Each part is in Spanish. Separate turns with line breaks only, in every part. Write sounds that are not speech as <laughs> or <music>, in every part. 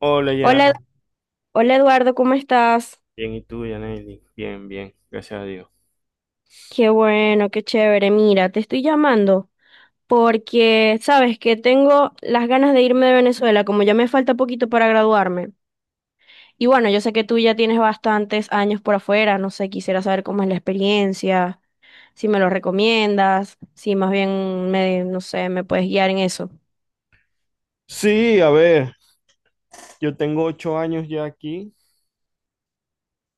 Hola,
Hola,
ya.
Hola Eduardo, ¿cómo estás?
Bien, ¿y tú, Yaneli? Bien, bien, gracias a Dios.
Qué bueno, qué chévere. Mira, te estoy llamando porque sabes que tengo las ganas de irme de Venezuela, como ya me falta poquito para graduarme. Y bueno, yo sé que tú ya tienes bastantes años por afuera, no sé, quisiera saber cómo es la experiencia, si me lo recomiendas, si más bien me, no sé, me puedes guiar en eso.
Sí, a ver, yo tengo 8 años ya aquí.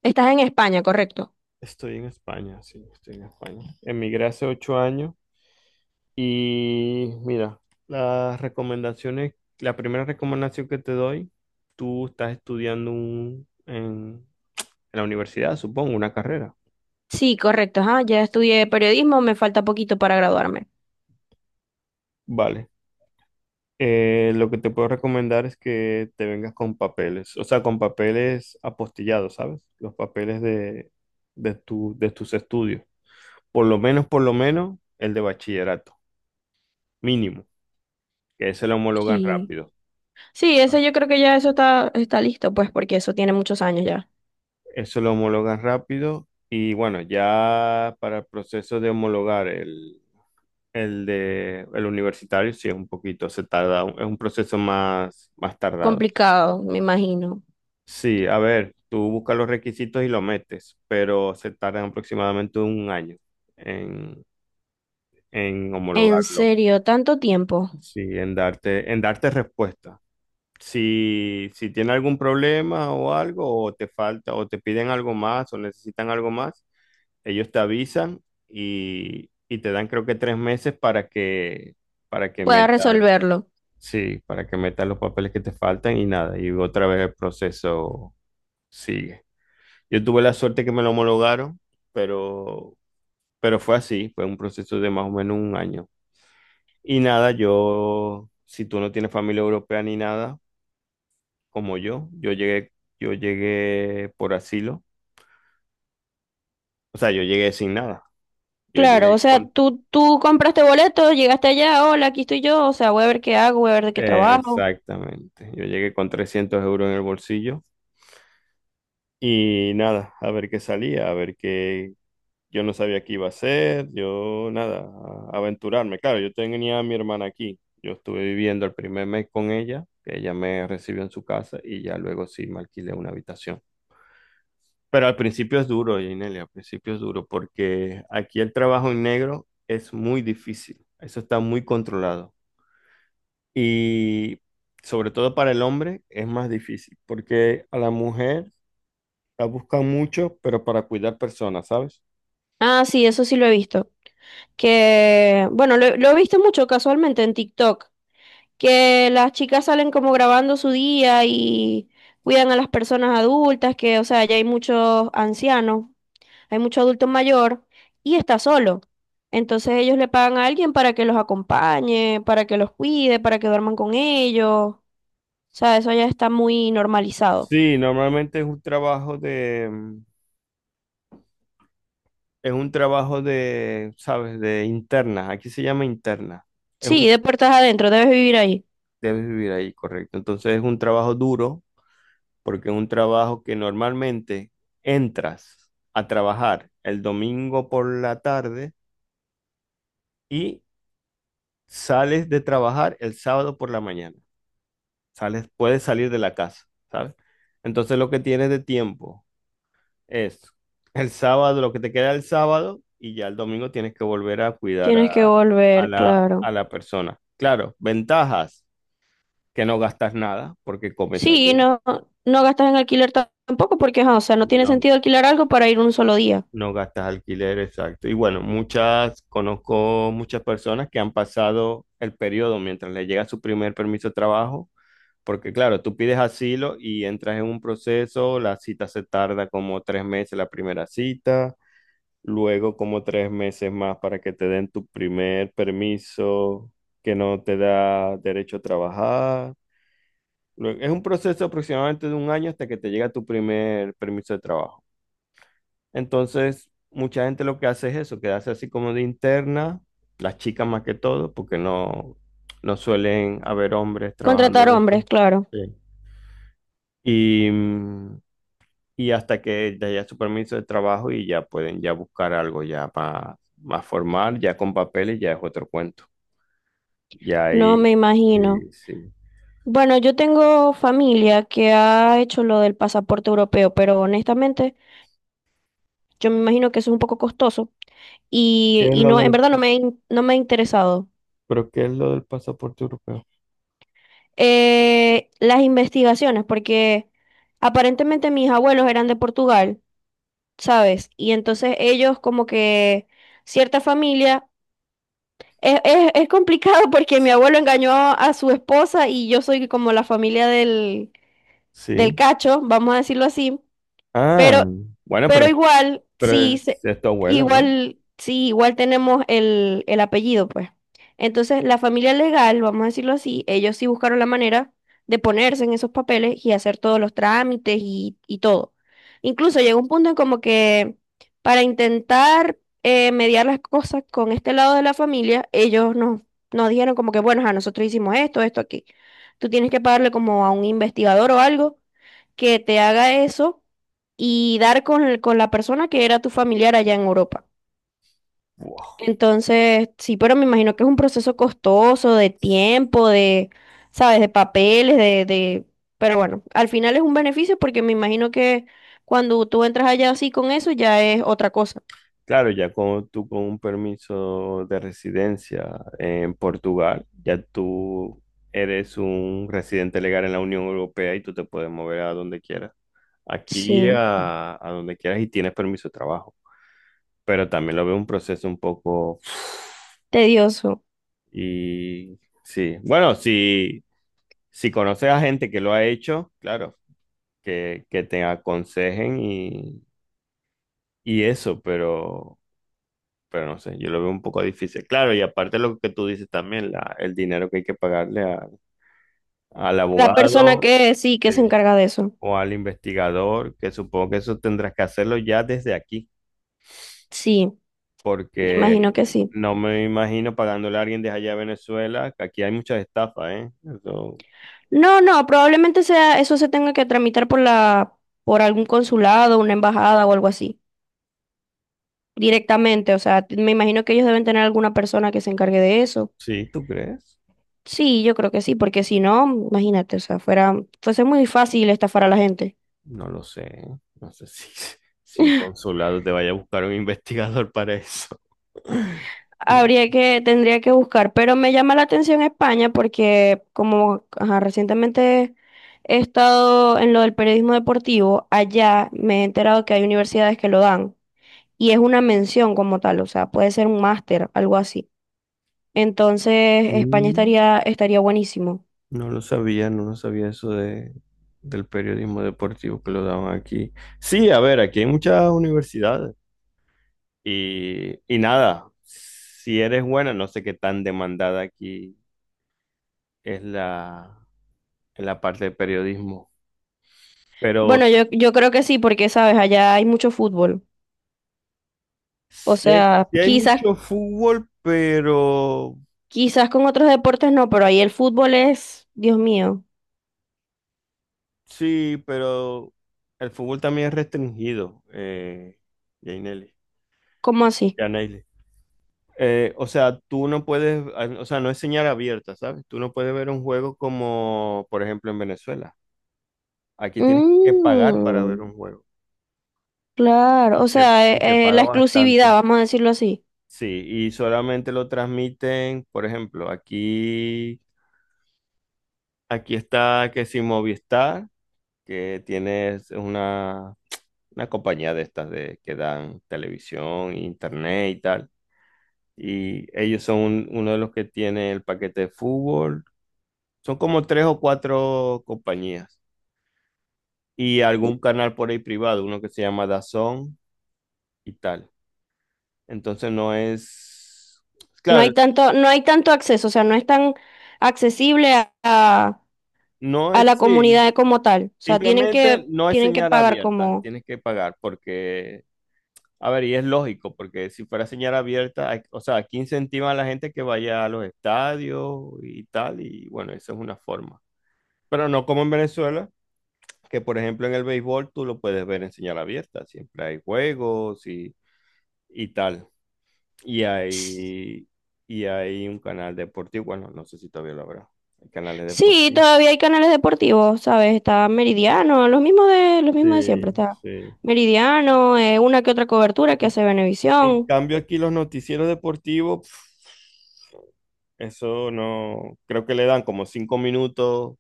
¿Estás en España, correcto?
Estoy en España, sí, estoy en España. Emigré hace 8 años y mira, las recomendaciones, la primera recomendación que te doy, tú estás estudiando en la universidad, supongo, una carrera.
Sí, correcto, ajá, ya estudié periodismo, me falta poquito para graduarme.
Vale, lo que te puedo recomendar es que te vengas con papeles, o sea, con papeles apostillados, ¿sabes? Los papeles de tus estudios. Por lo menos, el de bachillerato, mínimo, que ese lo homologan
Sí.
rápido.
Sí, ese yo creo que ya eso está, está listo, pues, porque eso tiene muchos años ya.
Eso lo homologan rápido y bueno, ya para el proceso de homologar el universitario, sí es un poquito, se tarda, es un proceso más tardado.
Complicado, me imagino.
Sí, a ver, tú buscas los requisitos y lo metes, pero se tardan aproximadamente un año en, en
En
homologarlo.
serio, tanto tiempo.
Sí, en darte respuesta. Si tiene algún problema o algo, o te falta, o te piden algo más, o necesitan algo más, ellos te avisan y te dan creo que 3 meses para que
Pueda
metas,
resolverlo.
sí, para que metas los papeles que te faltan y nada, y otra vez el proceso sigue. Yo tuve la suerte que me lo homologaron, pero, pero fue así, fue un proceso de más o menos un año. Y nada, yo, si tú no tienes familia europea ni nada, como yo, yo llegué por asilo, o sea, yo llegué sin nada. Yo
Claro, o
llegué
sea,
con,
tú compraste boleto, llegaste allá, hola, aquí estoy yo, o sea, voy a ver qué hago, voy a ver de qué trabajo.
exactamente, yo llegué con 300 euros en el bolsillo y nada, a ver qué salía, a ver qué, yo no sabía qué iba a hacer, yo nada, aventurarme. Claro, yo tenía a mi hermana aquí. Yo estuve viviendo el primer mes con ella, que ella me recibió en su casa y ya luego sí me alquilé una habitación. Pero al principio es duro, Ginelia, al principio es duro porque aquí el trabajo en negro es muy difícil. Eso está muy controlado. Y sobre todo para el hombre es más difícil porque a la mujer la buscan mucho, pero para cuidar personas, ¿sabes?
Ah, sí, eso sí lo he visto. Que, bueno, lo he visto mucho casualmente en TikTok, que las chicas salen como grabando su día y cuidan a las personas adultas, que, o sea, ya hay muchos ancianos, hay mucho adulto mayor y está solo. Entonces ellos le pagan a alguien para que los acompañe, para que los cuide, para que duerman con ellos. O sea, eso ya está muy normalizado.
Sí, normalmente es un trabajo de, es un trabajo de, ¿sabes? De interna. Aquí se llama interna. Es
Sí,
un,
de puertas adentro, debes vivir ahí.
debes vivir ahí, correcto. Entonces es un trabajo duro porque es un trabajo que normalmente entras a trabajar el domingo por la tarde y sales de trabajar el sábado por la mañana. Sales, puedes salir de la casa, ¿sabes? Entonces lo que tienes de tiempo. Eso. El sábado, lo que te queda el sábado, y ya el domingo tienes que volver a cuidar
Tienes que
a, a
volver,
la,
claro.
a la persona. Claro, ventajas, que no gastas nada porque comes allí.
Sí, no, no gastas en alquiler tampoco porque, ajá, o sea, no tiene
No,
sentido alquilar algo para ir un solo día.
no gastas alquiler, exacto. Y bueno, conozco muchas personas que han pasado el periodo mientras le llega su primer permiso de trabajo, porque claro, tú pides asilo y entras en un proceso, la cita se tarda como 3 meses la primera cita. Luego como 3 meses más para que te den tu primer permiso que no te da derecho a trabajar. Es un proceso aproximadamente de un año hasta que te llega tu primer permiso de trabajo. Entonces, mucha gente lo que hace es eso, quedarse así como de interna, las chicas más que todo, porque no, no suelen haber hombres trabajando
Contratar
de
hombres,
esto.
claro.
Sí. Y, mm, y hasta que te haya su permiso de trabajo y ya pueden ya buscar algo ya más, más formal, ya con papeles, ya es otro cuento. Ya
No
ahí,
me imagino.
sí, sí.
Bueno, yo tengo familia que ha hecho lo del pasaporte europeo, pero honestamente yo me imagino que eso es un poco costoso
¿Qué es
y
lo
no, en
del,
verdad no me, no me ha interesado.
pero qué es lo del pasaporte europeo?
Las investigaciones, porque aparentemente mis abuelos eran de Portugal, ¿sabes? Y entonces ellos como que cierta familia... Es complicado <laughs> porque mi abuelo engañó a su esposa y yo soy como la familia del, del
Sí.
cacho, vamos a decirlo así,
Ah,
pero
bueno,
Pero
pero,
igual,
pero
sí,
es tu abuelo, ¿no?
igual, sí, igual tenemos el apellido, pues. Entonces, la familia legal, vamos a decirlo así, ellos sí buscaron la manera de ponerse en esos papeles y hacer todos los trámites y todo. Incluso llegó un punto en como que para intentar mediar las cosas con este lado de la familia, ellos nos, nos dijeron como que, bueno, a nosotros hicimos esto, esto aquí. Tú tienes que pagarle como a un investigador o algo que te haga eso y dar con la persona que era tu familiar allá en Europa.
Wow.
Entonces, sí, pero me imagino que es un proceso costoso de tiempo, de, ¿sabes? De papeles, de... Pero bueno, al final es un beneficio porque me imagino que cuando tú entras allá así con eso ya es otra cosa.
Claro, tú con un permiso de residencia en Portugal, ya tú eres un residente legal en la Unión Europea y tú te puedes mover a donde quieras. Aquí
Sí,
a donde quieras y tienes permiso de trabajo. Pero también lo veo un proceso un poco...
tedioso.
Y sí, bueno, si conoces a gente que lo ha hecho, claro, que te aconsejen y eso, pero no sé, yo lo veo un poco difícil. Claro, y aparte lo que tú dices también, el dinero que hay que pagarle al
La persona
abogado,
que sí, que se
eh,
encarga de eso.
o al investigador, que supongo que eso tendrás que hacerlo ya desde aquí.
Sí, me
Porque
imagino que sí.
no me imagino pagándole a alguien de allá de Venezuela, que aquí hay muchas estafas, ¿eh? Eso,
No, no, probablemente sea eso se tenga que tramitar por la, por algún consulado, una embajada o algo así. Directamente, o sea, me imagino que ellos deben tener alguna persona que se encargue de eso.
sí, ¿tú crees?
Sí, yo creo que sí, porque si no, imagínate, o sea, fuera, fuese muy fácil estafar a la gente.
No lo sé, no sé si, <laughs> si un
<laughs>
consulado te vaya a buscar un investigador para eso. <laughs> No,
Habría que, tendría que buscar, pero me llama la atención España porque como ajá, recientemente he estado en lo del periodismo deportivo, allá me he enterado que hay universidades que lo dan y es una mención como tal, o sea, puede ser un máster, algo así. Entonces, España
Mm,
estaría, estaría buenísimo.
no lo sabía, no lo sabía eso del periodismo deportivo que lo daban aquí. Sí, a ver, aquí hay muchas universidades y nada, si eres buena, no sé qué tan demandada aquí es la en la parte de periodismo. Pero
Bueno, yo creo que sí, porque sabes, allá hay mucho fútbol. O sea,
sí hay
quizás,
mucho fútbol, pero
quizás con otros deportes no, pero ahí el fútbol es, Dios mío,
sí, pero el fútbol también es restringido, Yaneli-
¿cómo así?
Yaneli. O sea, tú no puedes, o sea, no es señal abierta, ¿sabes? Tú no puedes ver un juego como, por ejemplo, en Venezuela. Aquí tienes que pagar para ver
Mm,
un juego. Y
claro, o
se,
sea,
y se paga
la exclusividad,
bastante.
vamos a decirlo así.
Sí, y solamente lo transmiten, por ejemplo, aquí, está que si Movistar que tienes una compañía de estas que dan televisión, internet y tal. Y ellos son uno de los que tiene el paquete de fútbol. Son como tres o cuatro compañías. Y algún canal por ahí privado, uno que se llama DAZN y tal. Entonces no es...
No
Claro,
hay tanto, no hay tanto acceso, o sea, no es tan accesible a,
no
a
es.
la
Sí.
comunidad como tal. O sea,
Simplemente no es
tienen que
señal
pagar
abierta.
como
Tienes que pagar porque, a ver, y es lógico, porque si fuera señal abierta, o sea, aquí incentivan a la gente que vaya a los estadios y tal, y bueno, esa es una forma. Pero no como en Venezuela, que por ejemplo en el béisbol tú lo puedes ver en señal abierta, siempre hay juegos y tal. Y hay, y hay un canal deportivo, bueno, no sé si todavía lo habrá, hay canales
sí,
deportivos.
todavía hay canales deportivos, ¿sabes? Está Meridiano, los mismos de siempre.
Sí,
Está
sí.
Meridiano, una que otra cobertura que
En,
hace
en
Venevisión.
cambio aquí los noticieros deportivos... Eso no, creo que le dan como 5 minutos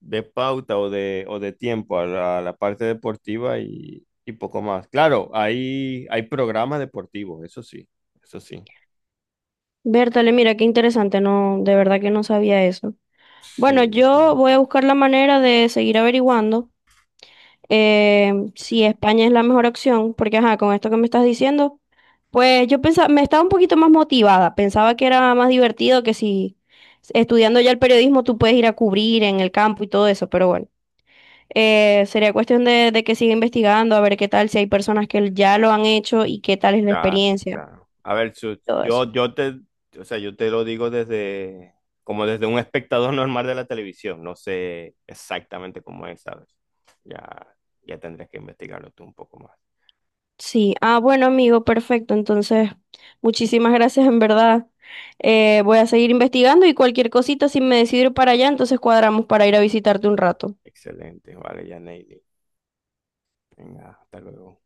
de pauta o de tiempo a la parte deportiva y poco más. Claro, hay programas deportivos, eso sí, eso sí.
Bertale, mira, qué interesante, no, de verdad que no sabía eso. Bueno,
Sí,
yo
sí.
voy a buscar la manera de seguir averiguando, si España es la mejor opción, porque ajá, con esto que me estás diciendo, pues yo pensaba, me estaba un poquito más motivada, pensaba que era más divertido que si estudiando ya el periodismo tú puedes ir a cubrir en el campo y todo eso, pero bueno. Sería cuestión de que siga investigando, a ver qué tal, si hay personas que ya lo han hecho y qué tal es la
Claro,
experiencia
claro. A ver,
y
Chus,
todo eso.
o sea, yo te lo digo desde, como desde un espectador <laughs> normal de la televisión, no sé exactamente cómo es, ¿sabes? Ya, ya tendrás que investigarlo tú un poco más.
Sí, ah, bueno, amigo, perfecto. Entonces, muchísimas gracias, en verdad. Voy a seguir investigando y cualquier cosita, si me decido ir para allá, entonces cuadramos para ir a visitarte un rato.
Excelente, vale, ya, Neily. Venga, hasta luego.